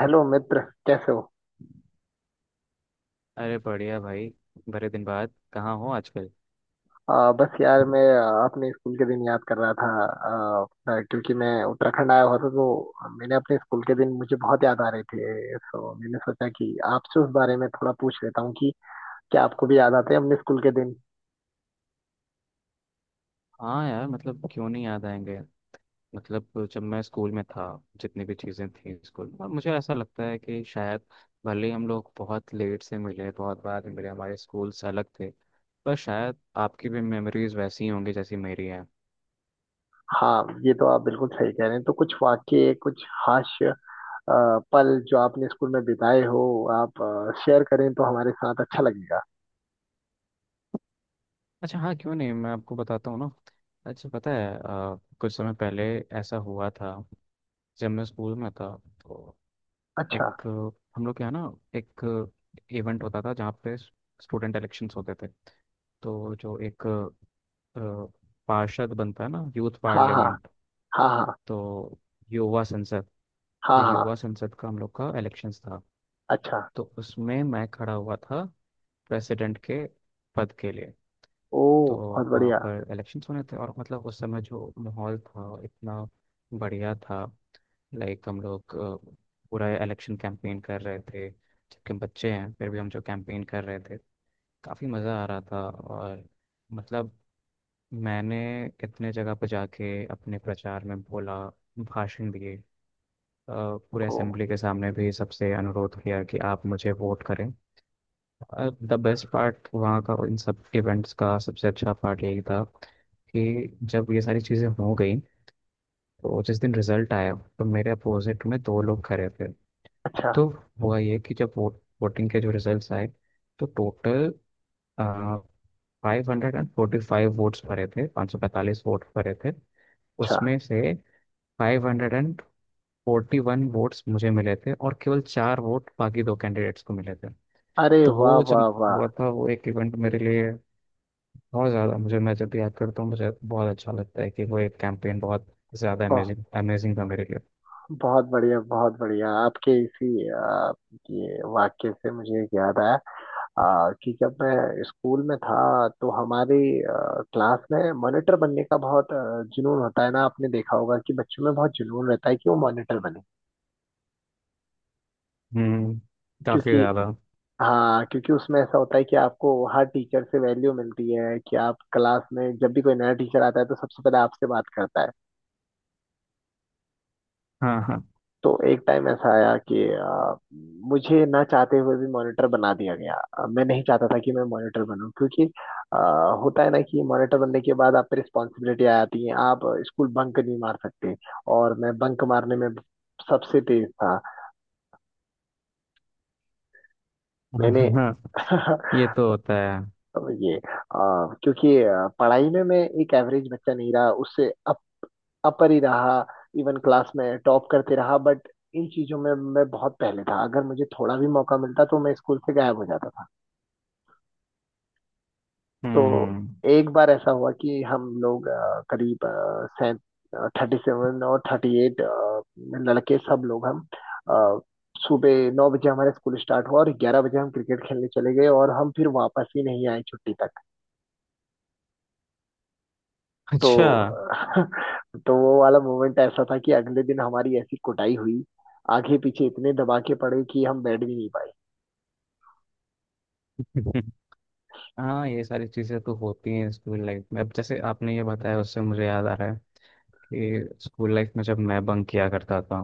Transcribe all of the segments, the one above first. Hello मित्र। कैसे हो? अरे बढ़िया भाई। बड़े दिन बाद कहाँ हो आजकल? बस यार मैं अपने स्कूल के दिन याद कर रहा था। क्योंकि मैं उत्तराखंड आया हुआ था, तो मैंने अपने स्कूल के दिन मुझे बहुत याद आ रहे थे, तो मैंने सोचा कि आपसे उस बारे में थोड़ा पूछ लेता हूँ कि क्या आपको भी याद आते हैं अपने स्कूल के दिन। हाँ यार, मतलब क्यों नहीं याद आएंगे। मतलब जब मैं स्कूल में था, जितनी भी चीज़ें थी स्कूल में, और मुझे ऐसा लगता है कि शायद भले ही हम लोग बहुत लेट से मिले, बहुत बाद में मिले, हमारे स्कूल से अलग थे, पर शायद आपकी भी मेमोरीज वैसी ही होंगी जैसी मेरी है। हाँ, ये तो आप बिल्कुल सही कह रहे हैं। तो कुछ वाक्य, कुछ हास्य पल जो आपने स्कूल में बिताए हो, आप शेयर करें तो हमारे साथ अच्छा लगेगा। अच्छा, हाँ, क्यों नहीं, मैं आपको बताता हूँ ना। अच्छा, पता है, कुछ समय पहले ऐसा हुआ था। जब मैं स्कूल में था तो अच्छा। एक हम लोग के यहाँ ना एक इवेंट होता था जहाँ पे स्टूडेंट इलेक्शंस होते थे। तो जो एक पार्षद बनता है ना, यूथ हाँ, हाँ, पार्लियामेंट, हाँ, हाँ, तो युवा संसद हाँ, तो हाँ। युवा संसद का हम लोग का इलेक्शंस था। अच्छा। तो उसमें मैं खड़ा हुआ था प्रेसिडेंट के पद के लिए। ओ, तो बहुत वहाँ बढ़िया। पर इलेक्शंस होने थे, और मतलब उस समय जो माहौल था इतना बढ़िया था। लाइक हम लोग पूरा इलेक्शन कैंपेन कर रहे थे, जबकि हम बच्चे हैं फिर भी हम जो कैंपेन कर रहे थे काफ़ी मज़ा आ रहा था। और मतलब मैंने इतने जगह पर जाके अपने प्रचार में बोला, भाषण दिए। अ, पूरे ओ। असेंबली के सामने भी सबसे अनुरोध किया कि आप मुझे वोट करें। द बेस्ट पार्ट वहाँ का, इन सब इवेंट्स का सबसे अच्छा पार्ट यही था कि जब ये सारी चीज़ें हो गई तो जिस दिन रिजल्ट आया तो मेरे अपोजिट में दो लोग खड़े थे। अच्छा, तो हुआ ये कि जब वोटिंग के जो रिजल्ट्स आए तो टोटल 545 वोट्स भरे थे, 545 वोट भरे थे। अच्छा। उसमें से 541 वोट्स मुझे मिले थे और केवल चार वोट बाकी दो कैंडिडेट्स को मिले थे। अरे तो वाह, वो जब वाह, वाह। हुआ था, वो एक इवेंट मेरे लिए बहुत ज़्यादा, मुझे, मैं जब भी याद करता हूँ मुझे बहुत अच्छा लगता है कि वो एक कैंपेन बहुत ज़्यादा ब- अमेजिंग अमेजिंग था मेरे लिए। बहुत बढ़िया, बहुत बढ़िया। आपके इसी ये वाक्य से मुझे एक याद आया। कि जब मैं स्कूल में था तो हमारी आ, क्लास में मॉनिटर बनने का बहुत जुनून होता है ना। आपने देखा होगा कि बच्चों में बहुत जुनून रहता है कि वो मॉनिटर बने, हम्म, काफ़ी क्योंकि ज़्यादा। हाँ, क्योंकि उसमें ऐसा होता है कि आपको हर टीचर से वैल्यू मिलती है, कि आप क्लास में जब भी कोई नया टीचर आता है तो सबसे पहले आपसे बात करता है। हाँ हाँ। तो एक टाइम ऐसा आया कि मुझे ना चाहते हुए भी मॉनिटर बना दिया गया। मैं नहीं चाहता था कि मैं मॉनिटर बनूं, क्योंकि अ, होता है ना कि मॉनिटर बनने के बाद आप पे रिस्पॉन्सिबिलिटी आ जाती है, आप स्कूल बंक नहीं मार सकते। और मैं बंक मारने में सबसे तेज था। मैंने हाँ हाँ, ये तो होता है। ये क्योंकि पढ़ाई में मैं एक एवरेज बच्चा नहीं रहा, उससे अब अपर ही रहा। इवन क्लास में टॉप करते रहा, बट इन चीजों में मैं बहुत पहले था। अगर मुझे थोड़ा भी मौका मिलता तो मैं स्कूल से गायब हो जाता था। तो हम्म। एक बार ऐसा हुआ कि हम लोग करीब सैं 37 और 38 लड़के, सब लोग हम अ, सुबह 9 बजे हमारा स्कूल स्टार्ट हुआ और 11 बजे हम क्रिकेट खेलने चले गए, और हम फिर वापस ही नहीं आए छुट्टी तक। तो अच्छा। तो वो वाला मोमेंट ऐसा था कि अगले दिन हमारी ऐसी कुटाई हुई, आगे पीछे इतने दबाके पड़े कि हम बैठ भी नहीं पाए। हाँ, ये सारी चीज़ें तो होती हैं स्कूल लाइफ में। अब जैसे आपने ये बताया उससे मुझे याद आ रहा है कि स्कूल लाइफ में जब मैं बंक किया करता था,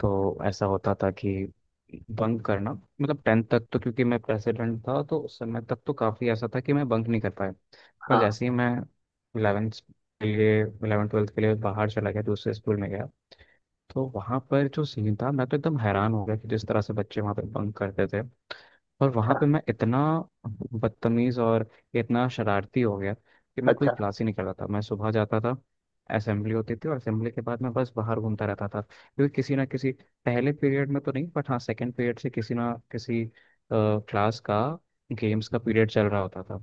तो ऐसा होता था कि बंक करना मतलब टेंथ तक तो क्योंकि मैं प्रेसिडेंट था तो उस समय तक तो काफ़ी ऐसा था कि मैं बंक नहीं कर पाया। पर हाँ। जैसे ही मैं इलेवेंथ के लिए, इलेवन ट्वेल्थ के लिए बाहर चला गया, दूसरे स्कूल में गया, तो वहाँ पर जो सीन था मैं तो एकदम हैरान हो गया कि जिस तरह से बच्चे वहाँ पर बंक करते थे। और वहां पे मैं इतना बदतमीज और इतना शरारती हो गया कि मैं कोई अच्छा। क्लास ही नहीं कर रहा था। मैं सुबह जाता था, असेंबली होती थी और असेंबली के बाद मैं बस बाहर घूमता रहता था क्योंकि किसी ना किसी पहले पीरियड में तो नहीं, बट हाँ सेकंड पीरियड से किसी ना किसी क्लास का, गेम्स का पीरियड चल रहा होता था।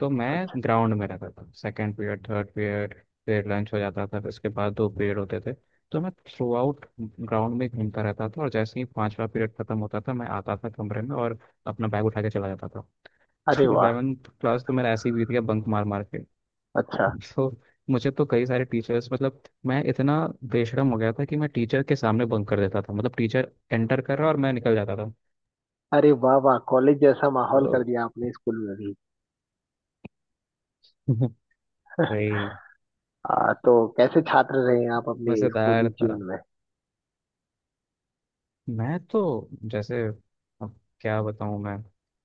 तो मैं अच्छा। ग्राउंड में रहता था, सेकंड पीरियड, थर्ड पीरियड। फिर लंच हो जाता था, फिर उसके बाद दो पीरियड होते थे। तो मैं थ्रू आउट ग्राउंड में घूमता रहता था और जैसे ही पांचवा पीरियड खत्म होता था मैं आता था कमरे में और अपना बैग उठा के चला जाता था। अरे तो वाह। इलेवेंथ क्लास तो मेरा ऐसे ही बीत गया, बंक मार मार के। अच्छा। तो मुझे तो कई सारे टीचर्स, मतलब मैं इतना बेशरम हो गया था कि मैं टीचर के सामने बंक कर देता था। मतलब टीचर एंटर कर रहा और मैं निकल जाता था अरे वाह, वाह, कॉलेज जैसा माहौल कर तो। दिया आपने स्कूल में भी। भाई तो कैसे छात्र रहे हैं आप अपने स्कूली मज़ेदार जीवन था। में? मैं तो जैसे, अब क्या बताऊं, मैं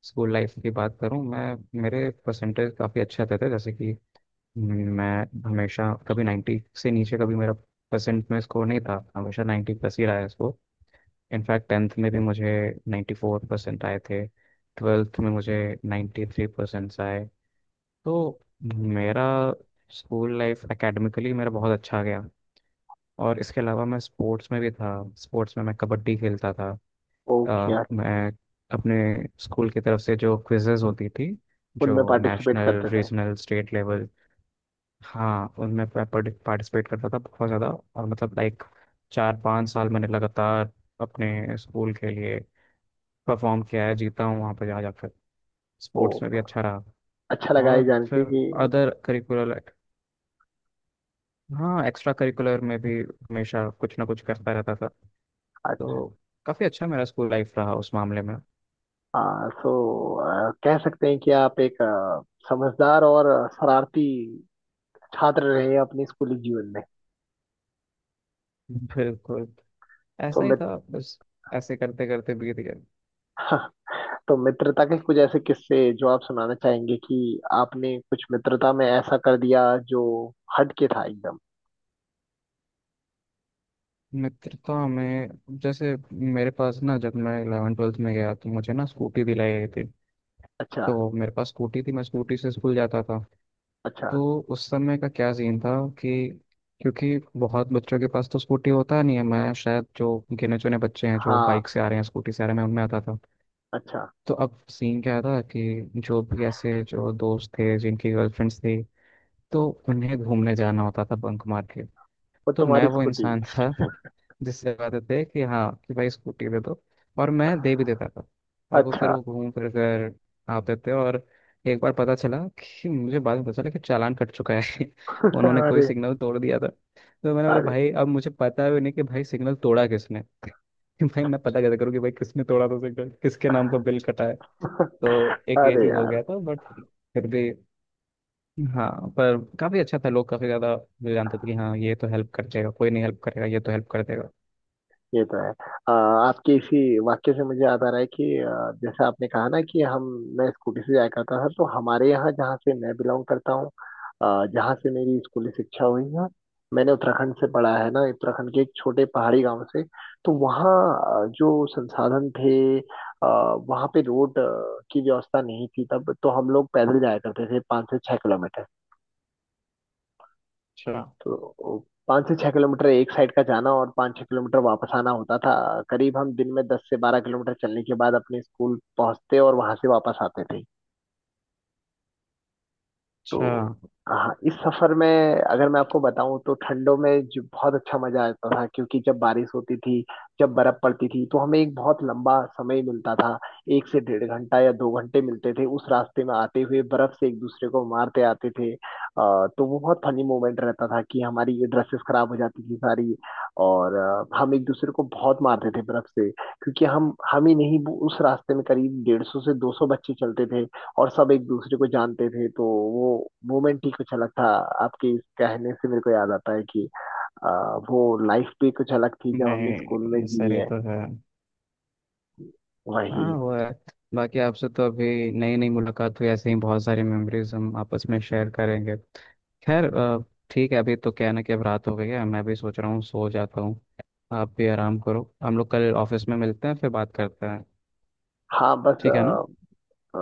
स्कूल लाइफ की बात करूं, मैं मेरे परसेंटेज काफ़ी अच्छे आते थे। जैसे कि मैं हमेशा, कभी 90 से नीचे कभी मेरा परसेंट में स्कोर नहीं था, हमेशा 90 प्लस ही रहा है स्कोर। इनफैक्ट टेंथ में भी मुझे 94% आए थे। ट्वेल्थ में मुझे 93 थ्री परसेंट आए। तो मेरा स्कूल लाइफ एकेडमिकली मेरा बहुत अच्छा गया। और इसके अलावा मैं स्पोर्ट्स में भी था। स्पोर्ट्स में मैं कबड्डी खेलता था। ओ, क्या? मैं अपने स्कूल की तरफ से जो क्विजेज होती थी, उनमें जो पार्टिसिपेट नेशनल करते थे? रीजनल स्टेट लेवल, हाँ उनमें मैं पार्टिसिपेट करता था बहुत ज़्यादा। और मतलब लाइक 4 5 साल मैंने लगातार अपने स्कूल के लिए परफॉर्म किया है, जीता हूँ वहाँ पर जा जाकर। ओ, स्पोर्ट्स में भी अच्छा रहा। अच्छा लगा ये और जान के फिर कि अदर करिकुलर, हाँ एक्स्ट्रा करिकुलर में भी हमेशा कुछ ना कुछ करता रहता था। तो काफ़ी अच्छा मेरा स्कूल लाइफ रहा उस मामले में। अच्छा, सो कह सकते हैं कि आप एक समझदार और शरारती छात्र रहे हैं अपने स्कूली जीवन में। बिल्कुल, तो ऐसा ही मित था बस, ऐसे करते करते बीत गया। तो मित्रता के कुछ ऐसे किस्से जो आप सुनाना चाहेंगे कि आपने कुछ मित्रता में ऐसा कर दिया जो हट के था एकदम? मित्रता में, जैसे मेरे पास ना, जब मैं इलेवन ट्वेल्थ में गया तो मुझे ना स्कूटी दिलाई गई थी। अच्छा। तो मेरे पास स्कूटी थी, मैं स्कूटी से स्कूल जाता था। अच्छा। तो उस समय का क्या सीन था कि क्योंकि बहुत बच्चों के पास तो स्कूटी होता नहीं है, मैं शायद जो गिने चुने बच्चे हैं जो हाँ। बाइक से आ रहे हैं, स्कूटी से आ रहे हैं, मैं उनमें आता था। अच्छा। तो अब सीन क्या था कि जो भी ऐसे जो दोस्त थे जिनकी गर्लफ्रेंड्स थी, तो उन्हें घूमने जाना होता था बंक मार के। वो तो मैं तुम्हारी वो स्कूटी। इंसान था जिससे आदत है कि हाँ कि भाई स्कूटी दे दो, और मैं दे भी देता था। और वो फिर अच्छा। वो घूम फिर कर आते थे। और एक बार पता चला, कि मुझे बाद में पता चला कि चालान कट चुका है। उन्होंने कोई अरे। सिग्नल तोड़ दिया था, तो मैंने बोला अरे। भाई अब मुझे पता भी नहीं कि भाई सिग्नल तोड़ा किसने। कि भाई मैं पता कैसे करूँ कि भाई किसने तोड़ा था सिग्नल, किसके नाम पर बिल कटा है। तो एक ये अरे चीज़ हो यार। गया था बट, फिर भी, हाँ, पर काफी अच्छा था। लोग काफी ज्यादा मुझे जानते थे कि हाँ ये तो हेल्प कर देगा, कोई नहीं हेल्प करेगा, ये तो हेल्प कर देगा। ये तो है। आपके इसी वाक्य से मुझे याद आ रहा है कि जैसे आपने कहा ना कि हम मैं स्कूटी से जाया करता था, तो हमारे यहाँ जहाँ से मैं बिलोंग करता हूँ, जहाँ से मेरी स्कूली शिक्षा हुई है, मैंने उत्तराखंड से पढ़ा है ना, उत्तराखंड के एक छोटे पहाड़ी गांव से। तो वहाँ जो संसाधन थे, वहाँ पे रोड की व्यवस्था नहीं थी तब, तो हम लोग पैदल जाया करते थे 5 से 6 किलोमीटर। अच्छा, तो 5 से 6 किलोमीटर एक साइड का जाना और 5 6 किलोमीटर वापस आना होता था। करीब हम दिन में 10 से 12 किलोमीटर चलने के बाद अपने स्कूल पहुंचते और वहां से वापस आते थे। अच्छा। तो हाँ, इस सफर में अगर मैं आपको बताऊं तो ठंडों में जो बहुत अच्छा मजा आता था, क्योंकि जब बारिश होती थी, जब बर्फ पड़ती थी, तो हमें एक बहुत लंबा समय मिलता था। एक से 1.5 घंटा या 2 घंटे मिलते थे उस रास्ते में आते हुए, बर्फ से एक दूसरे को मारते आते थे। तो वो बहुत फनी मोमेंट रहता था कि हमारी ये ड्रेसेस खराब हो जाती थी सारी, और हम एक दूसरे को बहुत मारते थे बर्फ से, क्योंकि हम ही नहीं, वो उस रास्ते में करीब 150 से 200 बच्चे चलते थे और सब एक दूसरे को जानते थे। तो वो मोमेंट ही कुछ अलग था। आपके इस कहने से मेरे को याद आता है कि आ, वो लाइफ भी कुछ अलग थी जब हमने स्कूल नहीं में ये जी सही है। तो है। वही। हाँ वो है। बाकी आपसे तो अभी नई नई मुलाकात हुई, ऐसे ही बहुत सारी मेमोरीज हम आपस में शेयर करेंगे। खैर, ठीक है, अभी तो क्या है ना कि अब रात हो गई है, मैं भी सोच रहा हूँ सो जाता हूँ। आप भी आराम करो, हम लोग कल ऑफिस में मिलते हैं, फिर बात करते हैं। हाँ, बस ठीक है ना? अ,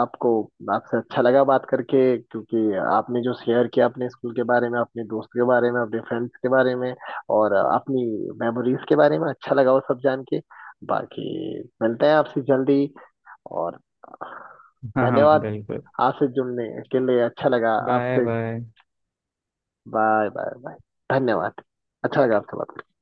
आपको, आपसे अच्छा लगा बात करके, क्योंकि आपने जो शेयर किया अपने स्कूल के बारे में, अपने दोस्त के बारे में, अपने फ्रेंड्स के बारे में, और अपनी मेमोरीज के बारे में, अच्छा लगा वो सब जान के। बाकी मिलते हैं आपसे जल्दी, और हाँ हाँ धन्यवाद बिल्कुल। आपसे जुड़ने के लिए। अच्छा लगा बाय आपसे। बाय। Bye, bye, bye. धन्यवाद। अच्छा लगा आपसे बात करके।